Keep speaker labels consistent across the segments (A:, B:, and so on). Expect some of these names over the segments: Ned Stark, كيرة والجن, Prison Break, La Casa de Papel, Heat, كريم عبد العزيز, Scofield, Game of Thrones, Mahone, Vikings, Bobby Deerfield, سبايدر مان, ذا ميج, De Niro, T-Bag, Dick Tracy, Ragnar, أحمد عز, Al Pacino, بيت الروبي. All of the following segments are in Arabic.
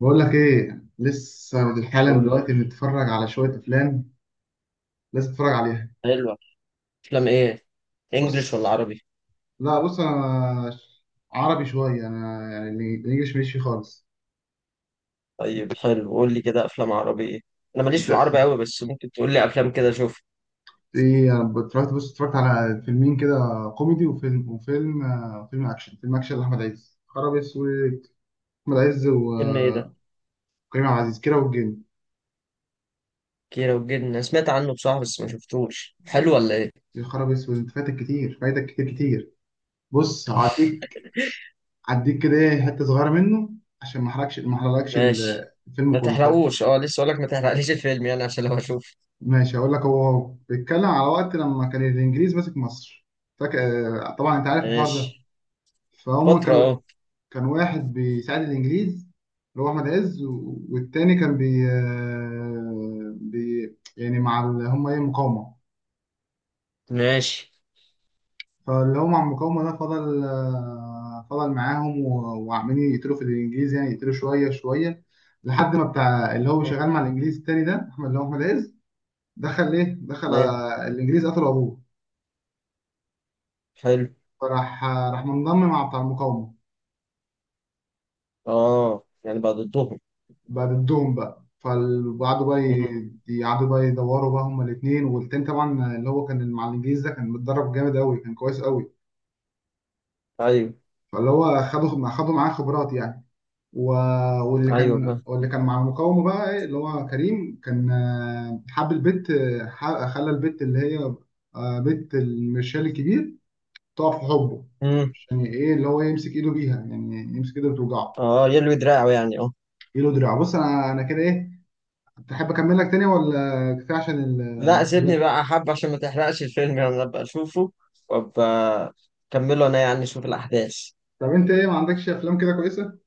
A: بقول لك ايه، لسه حالا
B: قول لي.
A: دلوقتي بنتفرج على شويه افلام. لازم تتفرج عليها.
B: حلوة. افلام ايه؟ انجليش ولا
A: بص.
B: عربي؟
A: لا، بص، انا عربي شويه انا يعني، الانجليش ماليش فيه خالص.
B: طيب حلو، قول لي كده افلام عربي ايه. انا ماليش
A: انت
B: في العربي قوي بس ممكن تقول لي افلام كده، شوف.
A: ايه، انا اتفرجت. بص، اتفرجت على فيلمين كده، كوميدي وفيلم فيلم اكشن لاحمد عز، خراب اسود. احمد عز
B: فيلم ايه ده؟
A: وكريم عبد العزيز، كيرة والجن.
B: كيرة والجن انا سمعت عنه بصراحة بس ما شفتوش، حلو ولا ايه؟
A: يا خراب اسود، انت فاتك كتير، فايتك كتير كتير. بص، هعديك كده، حته صغيره منه، عشان ما احرقلكش
B: ماشي.
A: الفيلم
B: ما
A: كله.
B: تحرقوش اه لسه، اقول لك ما تحرقليش الفيلم يعني عشان لو اشوف.
A: ماشي، هقول لك. هو بيتكلم على وقت لما كان الانجليز ماسك مصر، فاكر؟ طبعا انت عارف الحوار ده.
B: ماشي.
A: فهم
B: فترة
A: كانوا
B: اه.
A: كان واحد بيساعد الانجليز، اللي هو احمد عز، والتاني كان بي يعني مع ال- هم ايه مقاومه.
B: ماشي.
A: فاللي هو مع المقاومه ده فضل معاهم، وعمالين يقتلوا في الانجليز يعني، يقتلوا شويه شويه، لحد ما بتاع اللي هو شغال مع الانجليز التاني ده، احمد اللي هو احمد عز، دخل ايه دخل
B: تمام.
A: آه، الانجليز قتلوا ابوه.
B: حلو.
A: فراح منضم مع بتاع المقاومة،
B: اه يعني بقى ضدهم.
A: بقى ضدهم. بقى فقعدوا بقى
B: مم.
A: يقعدوا بقى يدوروا بقى، هما الاتنين. والتاني طبعا اللي هو كان مع الإنجليز ده كان متدرب جامد أوي، كان كويس أوي،
B: ايوه.
A: فاللي هو خدوا معاه خبرات يعني. و... واللي
B: ايوه
A: كان
B: فاهم.
A: واللي كان مع المقاومة، بقى اللي هو كريم، كان حب البت، خلى البت اللي هي، بت المرشال الكبير، تقع في حبه.
B: مم.
A: عشان ايه؟ اللي هو يمسك ايده بيها يعني، يمسك ايده وتوجعه
B: اه يلوي دراعه يعني اه.
A: ايده، دراعه. بص، انا كده ايه، تحب اكمل لك تاني ولا كفايه عشان
B: لا سيبني
A: المحاولات؟
B: بقى حب، عشان ما تحرقش الفيلم يعني ابقى اشوفه، وابقى اكمله انا يعني، اشوف الاحداث.
A: طب انت ايه، ما عندكش افلام كده كويسه؟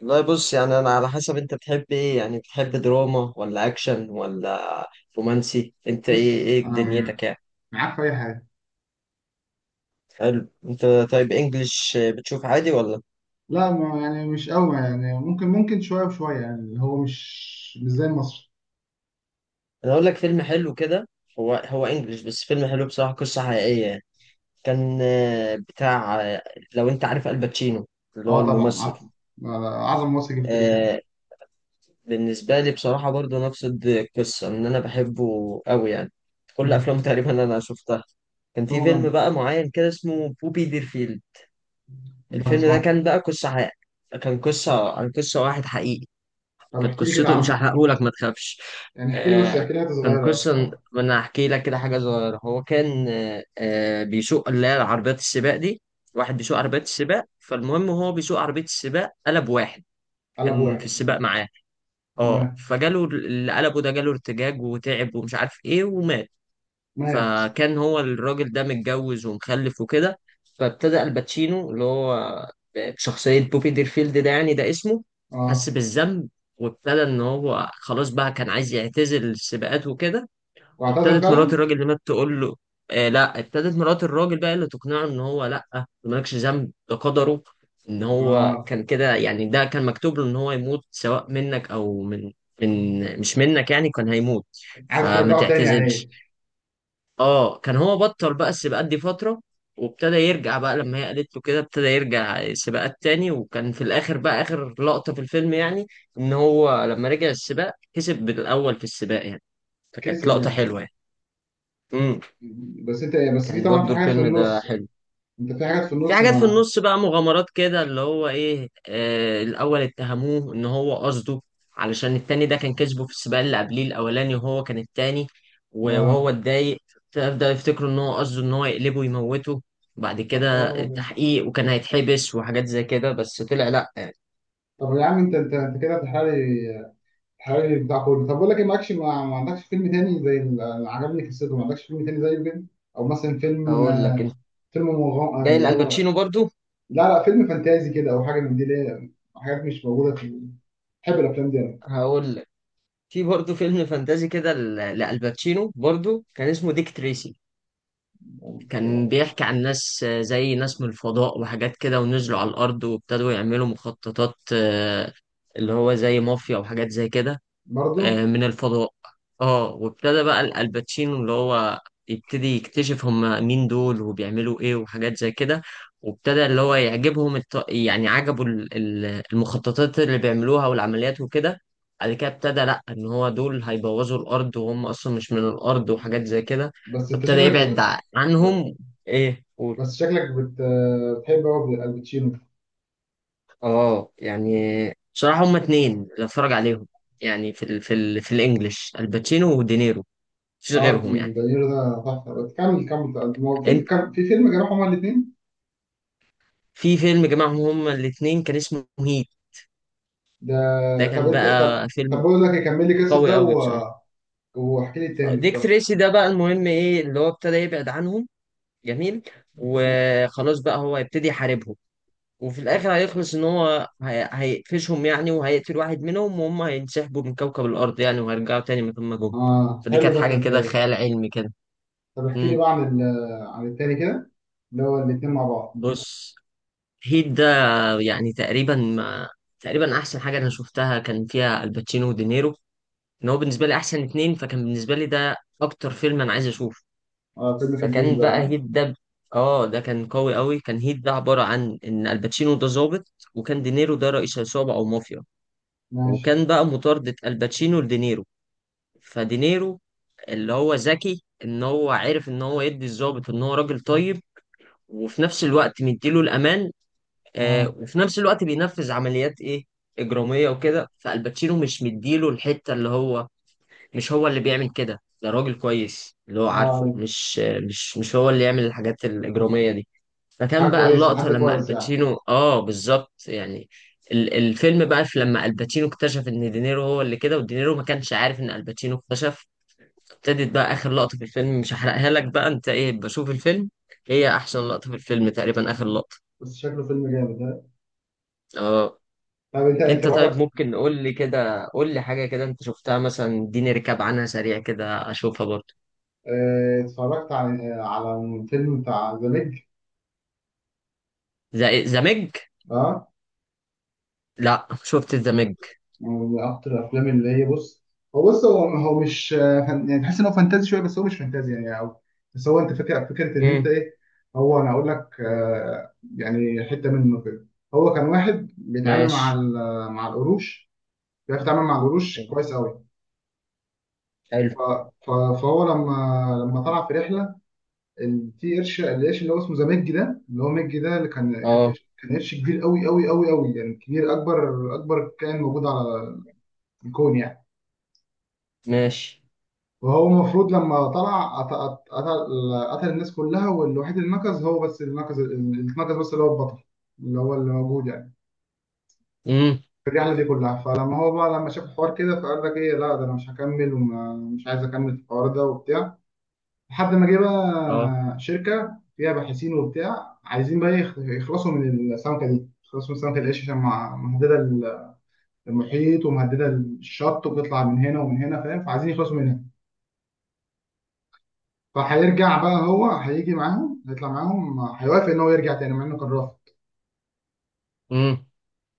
B: والله بص يعني انا على حسب انت بتحب ايه يعني، بتحب دراما ولا اكشن ولا رومانسي؟ انت ايه
A: بص
B: ايه
A: انا
B: دنيتك يعني؟
A: معاك في اي حاجه.
B: حلو انت. طيب انجلش بتشوف عادي ولا؟
A: لا، ما يعني مش قوي يعني، ممكن شويه وشويه يعني، اللي هو مش زي المصري.
B: انا اقول لك فيلم حلو كده. هو انجلش بس فيلم حلو بصراحة، قصة حقيقية يعني. كان بتاع، لو انت عارف الباتشينو، اللي هو
A: اه طبعا عارف.
B: الممثل.
A: اعظم مصري جه في التاريخ يعني.
B: آه، بالنسبة لي بصراحة برضه نفس القصة، إن أنا بحبه أوي يعني. كل
A: مم.
B: أفلامه تقريبا أنا شفتها. كان في
A: هو
B: فيلم
A: جامد
B: بقى معين كده اسمه بوبي ديرفيلد.
A: ده،
B: الفيلم
A: بسمع.
B: ده كان بقى قصة حقيقية، كان قصة عن قصة واحد حقيقي.
A: طب
B: كانت
A: احكي لي كده
B: قصته، مش
A: عنه،
B: هحرقهولك ما تخافش.
A: يعني احكي لي بس،
B: آه
A: احكي لي حته
B: كان
A: صغيره.
B: قصة، ما أنا هحكي لك كده حاجة صغيرة. هو كان بيسوق اللي هي عربيات السباق دي، واحد بيسوق عربيات السباق. فالمهم هو بيسوق عربية السباق، قلب واحد
A: قلب
B: كان في
A: واحد.
B: السباق معاه، اه
A: تمام.
B: فجاله اللي قلبه ده جاله ارتجاج وتعب ومش عارف ايه ومات.
A: مات.
B: فكان هو الراجل ده متجوز ومخلف وكده. فابتدى الباتشينو اللي هو بشخصية بوبي ديرفيلد ده، يعني ده اسمه، حس
A: اه،
B: بالذنب. وابتدى ان هو خلاص بقى كان عايز يعتزل السباقات وكده.
A: واعتذر
B: وابتدت مرات
A: فعلا.
B: الراجل اللي مات تقول له، آه لا ابتدت مرات الراجل بقى اللي تقنعه ان هو لا، ده مالكش ذنب ده قدره، ان هو
A: اه.
B: كان كده يعني، ده كان مكتوب له ان هو يموت سواء منك او من، من مش منك يعني كان هيموت.
A: عايز
B: فما
A: ترجعه تاني يعني، ايه؟
B: تعتزلش. اه كان هو بطل بقى السباقات دي فترة، وابتدى يرجع بقى لما هي قالت له كده، ابتدى يرجع سباقات تاني. وكان في الاخر بقى اخر لقطة في الفيلم يعني، ان هو لما رجع السباق كسب بالاول في السباق يعني، فكانت
A: كسب
B: لقطة
A: يعني.
B: حلوة يعني. مم.
A: بس انت، بس في
B: كان
A: طبعا في
B: برضو
A: حاجات في
B: الفيلم ده
A: النص،
B: حلو.
A: انت في حاجات في
B: في
A: النص
B: حاجات في
A: مع.
B: النص بقى، مغامرات كده اللي هو ايه، آه الاول اتهموه ان هو قصده، علشان التاني ده كان كسبه في السباق اللي قبليه الاولاني وهو كان التاني، وهو
A: اه.
B: اتضايق. فبدأ يفتكروا ان هو قصده ان هو يقلبه ويموته. بعد
A: يا
B: كده
A: خرابي.
B: التحقيق، وكان هيتحبس وحاجات زي كده بس طلع لا يعني.
A: طب يا عم، انت كده بتحرقلي بتاع كله. طب بقول لك ايه، معكش ما عندكش فيلم تاني زي اللي عجبني قصته، ما عندكش فيلم تاني زيه كده، او مثلا فيلم،
B: هقول لك انت،
A: فيلم مغام... آه،
B: جاي
A: اللي هو،
B: لالباتشينو برضو.
A: لا لا، فيلم فانتازي كده او حاجه من دي، ليه؟ حاجات مش موجوده في. بحب الافلام دي انا.
B: هقول لك، في برضو فيلم فانتازي كده لالباتشينو برضو، كان اسمه ديك تريسي. كان بيحكي عن ناس زي ناس من الفضاء وحاجات كده، ونزلوا على الأرض وابتدوا يعملوا مخططات، اللي هو زي مافيا وحاجات زي كده،
A: برضه.
B: من الفضاء. اه وابتدى بقى الالباتشينو اللي هو يبتدي يكتشف هم مين دول وبيعملوا ايه وحاجات زي كده. وابتدى اللي هو يعجبهم يعني عجبوا المخططات اللي بيعملوها والعمليات وكده. بعد كده ابتدى لا، ان هو دول هيبوظوا الارض وهم اصلا مش من الارض وحاجات زي كده.
A: بس انت
B: فابتدى
A: شكلك
B: يبعد
A: ب-
B: عنهم. ايه قول.
A: بس شكلك بت... بتحب قوي الباتشينو.
B: اه يعني بصراحة هما اتنين اللي اتفرج عليهم يعني، في الانجليش، الباتشينو ودينيرو، مفيش
A: اه،
B: غيرهم يعني.
A: دانيرو ده تحفه، بس كمل كمل. ما هو في كان في فيلم كانوا هما الاثنين،
B: في فيلم جمعهم هما الاتنين كان اسمه هيت.
A: ده.
B: ده
A: طب
B: كان
A: انت، طب
B: بقى
A: طب
B: فيلم
A: بقول لك كمل لي قصه
B: قوي
A: ده
B: قوي بصراحة.
A: واحكي لي التاني
B: ديك
A: ده.
B: تريسي ده بقى المهم ايه، اللي هو ابتدى يبعد عنهم، جميل. وخلاص بقى هو هيبتدي يحاربهم. وفي الاخر هيخلص ان هو هيقفشهم يعني، وهيقتل واحد منهم، وهم هينسحبوا من كوكب الارض يعني، وهيرجعوا تاني مكان ما جم.
A: اه
B: فدي
A: حلو،
B: كانت
A: ده
B: حاجة كده
A: فانتازي.
B: خيال علمي كده.
A: طب احكي لي
B: مم.
A: بقى عن عن التاني كده، اللي هو الاتنين مع بعض.
B: بص، هيت ده يعني تقريبا ما تقريبا احسن حاجة انا شفتها، كان فيها الباتشينو ودينيرو. ان هو بالنسبه لي احسن اتنين، فكان بالنسبه لي ده اكتر فيلم انا عايز اشوفه.
A: اه، فيلم كان تقيل
B: فكان بقى
A: بقى.
B: هيت ده اه ده كان قوي قوي. كان هيت ده عباره عن ان الباتشينو ده ظابط، وكان دينيرو ده رئيس عصابه او مافيا.
A: ماشي.
B: وكان بقى مطاردة الباتشينو لدينيرو. فدينيرو اللي هو ذكي، ان هو عرف ان هو يدي الظابط ان هو راجل طيب، وفي نفس الوقت مديله الامان، آه
A: اه.
B: وفي نفس الوقت بينفذ عمليات ايه، اجراميه وكده. فالباتشينو مش مديله الحته، اللي هو مش هو اللي بيعمل كده، ده راجل كويس اللي هو عارفه،
A: اه،
B: مش هو اللي يعمل الحاجات الإجرامية دي. فكان
A: حاجه
B: بقى
A: كويسه،
B: اللقطة
A: حد
B: لما
A: كويس يعني.
B: الباتشينو اه، بالظبط يعني. الفيلم بقى في، لما الباتشينو اكتشف ان دينيرو هو اللي كده، ودينيرو ما كانش عارف ان الباتشينو اكتشف. ابتدت بقى اخر لقطة في الفيلم، مش هحرقها لك بقى، انت ايه بشوف الفيلم. هي احسن لقطة في الفيلم تقريبا، اخر لقطة.
A: بس شكله فيلم جامد، ها؟
B: اه
A: طب انت،
B: انت طيب،
A: بقولك
B: ممكن قول لي كده، قول لي حاجة كده انت شفتها مثلا، اديني ركاب عنها سريع كده اشوفها برضه.
A: اه، اتفرجت على الفيلم بتاع ذا ميج.
B: ذا ميج؟
A: اه.
B: لا شفت الدمج.
A: من اكتر الافلام اللي هي، بص. هو بص، هو مش يعني، تحس ان هو فانتازي شويه بس هو مش فانتازي يعني، او بس هو. انت فاكر فكره ان انت
B: امم.
A: ايه، هو انا اقول لك، يعني حته منه كده. هو كان واحد بيتعامل مع
B: ماشي.
A: مع القروش، بيعرف يتعامل مع القروش
B: جميل.
A: كويس قوي.
B: حلو.
A: ف- ف- فهو لما، لما طلع في رحله، في قرش، القرش اللي هو اسمه زمجي ده، اللي هو مجي ده، اللي كان
B: اه.
A: قرش، كان قرش كبير قوي قوي قوي قوي يعني، كبير، اكبر كائن موجود على الكون يعني.
B: ماشي.
A: وهو المفروض لما طلع، قتل الناس كلها، والوحيد اللي نقص هو بس، اللي نقص بس، اللي هو البطل، اللي هو اللي موجود يعني
B: امم.
A: في الرحله دي كلها. فلما هو بقى، لما شاف الحوار كده، فقال لك ايه، لا ده انا مش هكمل ومش عايز اكمل في الحوار ده وبتاع، لحد ما جه
B: اه.
A: بقى شركه فيها باحثين وبتاع عايزين بقى يخلصوا من السمكه دي، يخلصوا من سمكه القش، عشان مهدده المحيط ومهدده الشط، وبتطلع من هنا ومن هنا، فاهم؟ فعايزين يخلصوا منها. فهيرجع بقى، هو هيجي معاهم، هيطلع معاهم، هيوافق ان هو يرجع تاني مع انه كان رافض.
B: امم.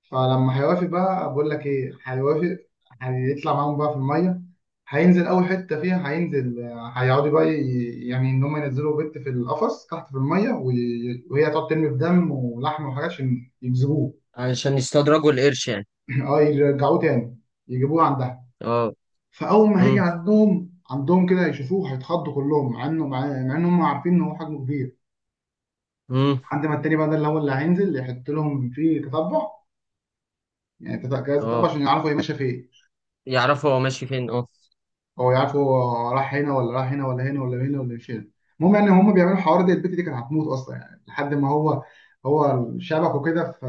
A: فلما هيوافق بقى، بقول لك ايه، هيوافق، هيطلع معاهم بقى في الميه، هينزل اول حته فيها. هينزل آه، هيقعدوا بقى يعني، ان هم ينزلوا بنت في القفص تحت في الميه، وهي تقعد ترمي بدم ولحم وحاجات عشان يجذبوه.
B: علشان يستدرجوا القرش يعني.
A: اه، يرجعوه تاني، يجيبوه عندها.
B: اه.
A: فاول ما هيجي
B: امم.
A: عندهم كده يشوفوه، هيتخضوا كلهم، مع انهم عارفين ان هو حجمه كبير.
B: امم.
A: لحد ما التاني بقى، ده اللي هو، اللي هينزل يحط لهم فيه تتبع يعني، جهاز تتبع
B: اه
A: عشان يعرفوا هي ماشيه فين،
B: يعرفوا هو ماشي فين اه.
A: او يعرفوا هو راح هنا ولا راح هنا ولا هنا ولا هنا ولا مش هنا. المهم يعني، هم بيعملوا الحوار ده، البت دي كانت هتموت اصلا يعني، لحد ما هو، شبك وكده في،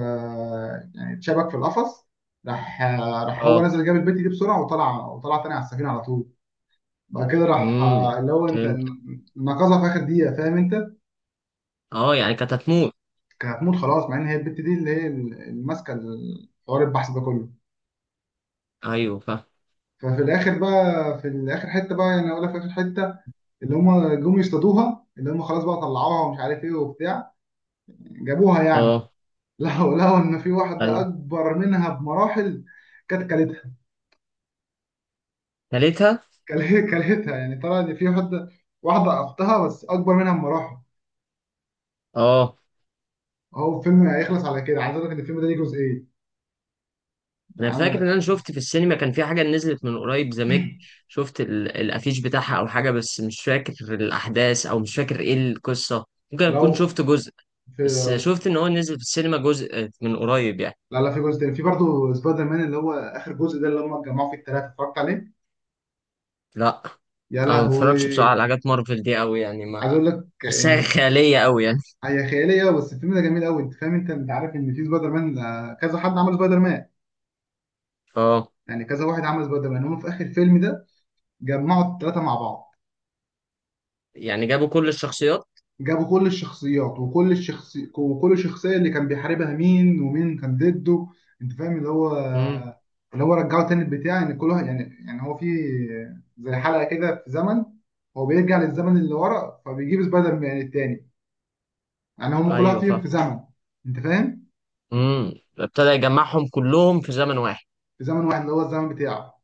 A: يعني اتشبك في القفص. راح راح هو
B: اه.
A: نزل، جاب البت دي بسرعه وطلع تاني على السفينه على طول. بعد كده راح
B: امم.
A: اللي هو، انت،
B: فهمت.
A: نقذها في اخر دقيقه، فاهم انت؟
B: اه يعني كانت هتموت.
A: كانت هتموت خلاص، مع ان هي البت دي اللي هي اللي ماسكه حوار البحث ده كله.
B: ايوه فاهم.
A: ففي الاخر بقى، في الاخر حته بقى يعني، اقول لك في اخر حته، اللي هم جم يصطادوها، اللي هم خلاص بقى طلعوها ومش عارف ايه وبتاع، جابوها يعني.
B: اه.
A: لقوا ان في واحده
B: ايوه.
A: اكبر منها بمراحل، كانت كلتها.
B: تالتها.
A: كلتها يعني، طلع ان في واحده، واحده اختها بس اكبر منها بمراحل.
B: اه.
A: هو الفيلم هيخلص على كده. عايز اقول لك ان الفيلم ده ليه جزئين
B: انا
A: يعني. أنا،
B: فاكر ان انا شفت في السينما كان في حاجه نزلت من قريب زمج، شفت الافيش بتاعها او حاجه، بس مش فاكر الاحداث او مش فاكر ايه القصه. ممكن اكون
A: لو
B: شفت جزء.
A: في،
B: بس شفت ان هو نزل في السينما جزء من قريب يعني.
A: لا لا، في جزء تاني، في برضه سبايدر مان اللي هو اخر جزء ده اللي هم اتجمعوا فيه الثلاثه، اتفرجت عليه.
B: لا
A: يا
B: انا ما بتفرجش بصراحه
A: لهوي.
B: على حاجات مارفل دي قوي يعني،
A: عايز
B: ما
A: اقول لك
B: بحسها
A: ان
B: خياليه قوي يعني.
A: هي خياليه أوي، بس الفيلم ده جميل قوي. انت فاهم، انت عارف ان في سبايدر مان، كذا حد عمل سبايدر مان
B: اه
A: يعني، كذا واحد عمل سبايدر مان. هم في اخر الفيلم ده جمعوا الثلاثه مع بعض.
B: يعني جابوا كل الشخصيات.
A: جابوا كل الشخصيات، وكل شخصيه اللي كان بيحاربها، مين ومين كان ضده. انت فاهم، اللي هو،
B: امم.
A: اللي هو رجعه تاني البتاع، ان كل واحد يعني هو في زي حلقه كده في زمن، هو بيرجع للزمن اللي ورا فبيجيب سبايدر مان التاني، يعني هم كل واحد
B: ايوه
A: فيهم
B: فاهم.
A: في زمن، انت فاهم،
B: امم. ابتدى يجمعهم كلهم في زمن واحد.
A: في زمن واحد اللي هو الزمن بتاعه.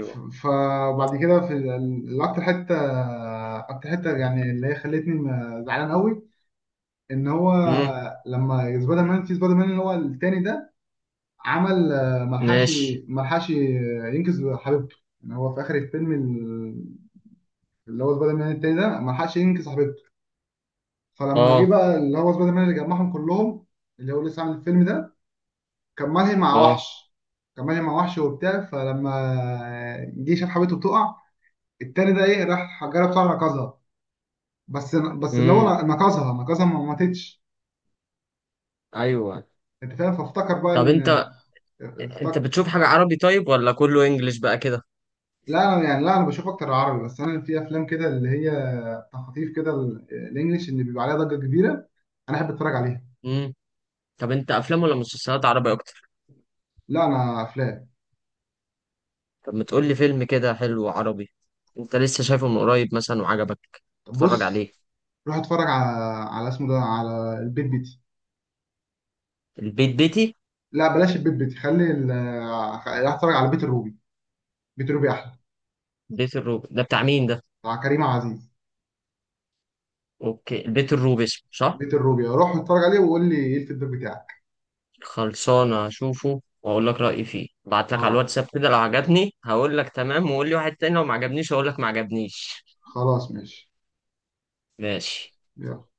A: فبعد كده في الاكتر حته، اكتر حته يعني اللي هي خلتني زعلان قوي، ان هو
B: امم.
A: لما سبايدر مان، في سبايدر مان اللي هو التاني ده، عمل آه، ملحقش
B: ماشي.
A: ملحقش ينقذ حبيبته يعني. هو في اخر الفيلم اللي هو سبايدر مان التاني ده ملحقش ينقذ حبيبته. فلما جه
B: اه.
A: بقى اللي هو سبايدر مان اللي جمعهم كلهم، اللي هو لسه عامل الفيلم ده، كان ملهي مع
B: اه.
A: وحش، كان ملهي مع وحش وبتاع، فلما جه شاف حبيبته بتقع، التاني ده ايه، راح جرب بسرعه، ركزها. بس اللي هو
B: امم.
A: نقصها، ما ماتتش.
B: ايوه.
A: انت فاهم، فافتكر بقى
B: طب
A: ان،
B: انت، انت
A: افتكر
B: بتشوف حاجه عربي طيب ولا كله انجليش بقى كده؟
A: لا انا بشوف اكتر العربي. بس انا في افلام كده اللي هي تخاطيف كده، الانجليش اللي بيبقى عليها ضجه كبيره، انا احب اتفرج عليها.
B: امم. طب انت افلام ولا مسلسلات عربي؟
A: لا، انا افلام.
B: طب ما تقول لي فيلم كده حلو عربي، انت لسه شايفه من قريب مثلا وعجبك،
A: طب
B: اتفرج عليه.
A: بص، روح اتفرج على، اسمه ده، على البيت بيتي.
B: البيت بيتي.
A: لا بلاش البيت بيتي، خلي روح اتفرج على بيت الروبي. بيت الروبي احلى.
B: بيت الروب ده بتاع مين ده؟
A: بتاع كريم عبد العزيز.
B: اوكي البيت الروب اسمه صح.
A: بيت الروبي، روح اتفرج عليه وقول لي ايه الفيدباك بتاعك.
B: خلصانه اشوفه واقول لك رايي فيه، ابعت لك على
A: خلاص.
B: الواتساب كده، لو عجبني هقول لك تمام وقول لي واحد تاني، لو ما عجبنيش هقول لك ما عجبنيش.
A: خلاص ماشي.
B: ماشي.
A: يلا.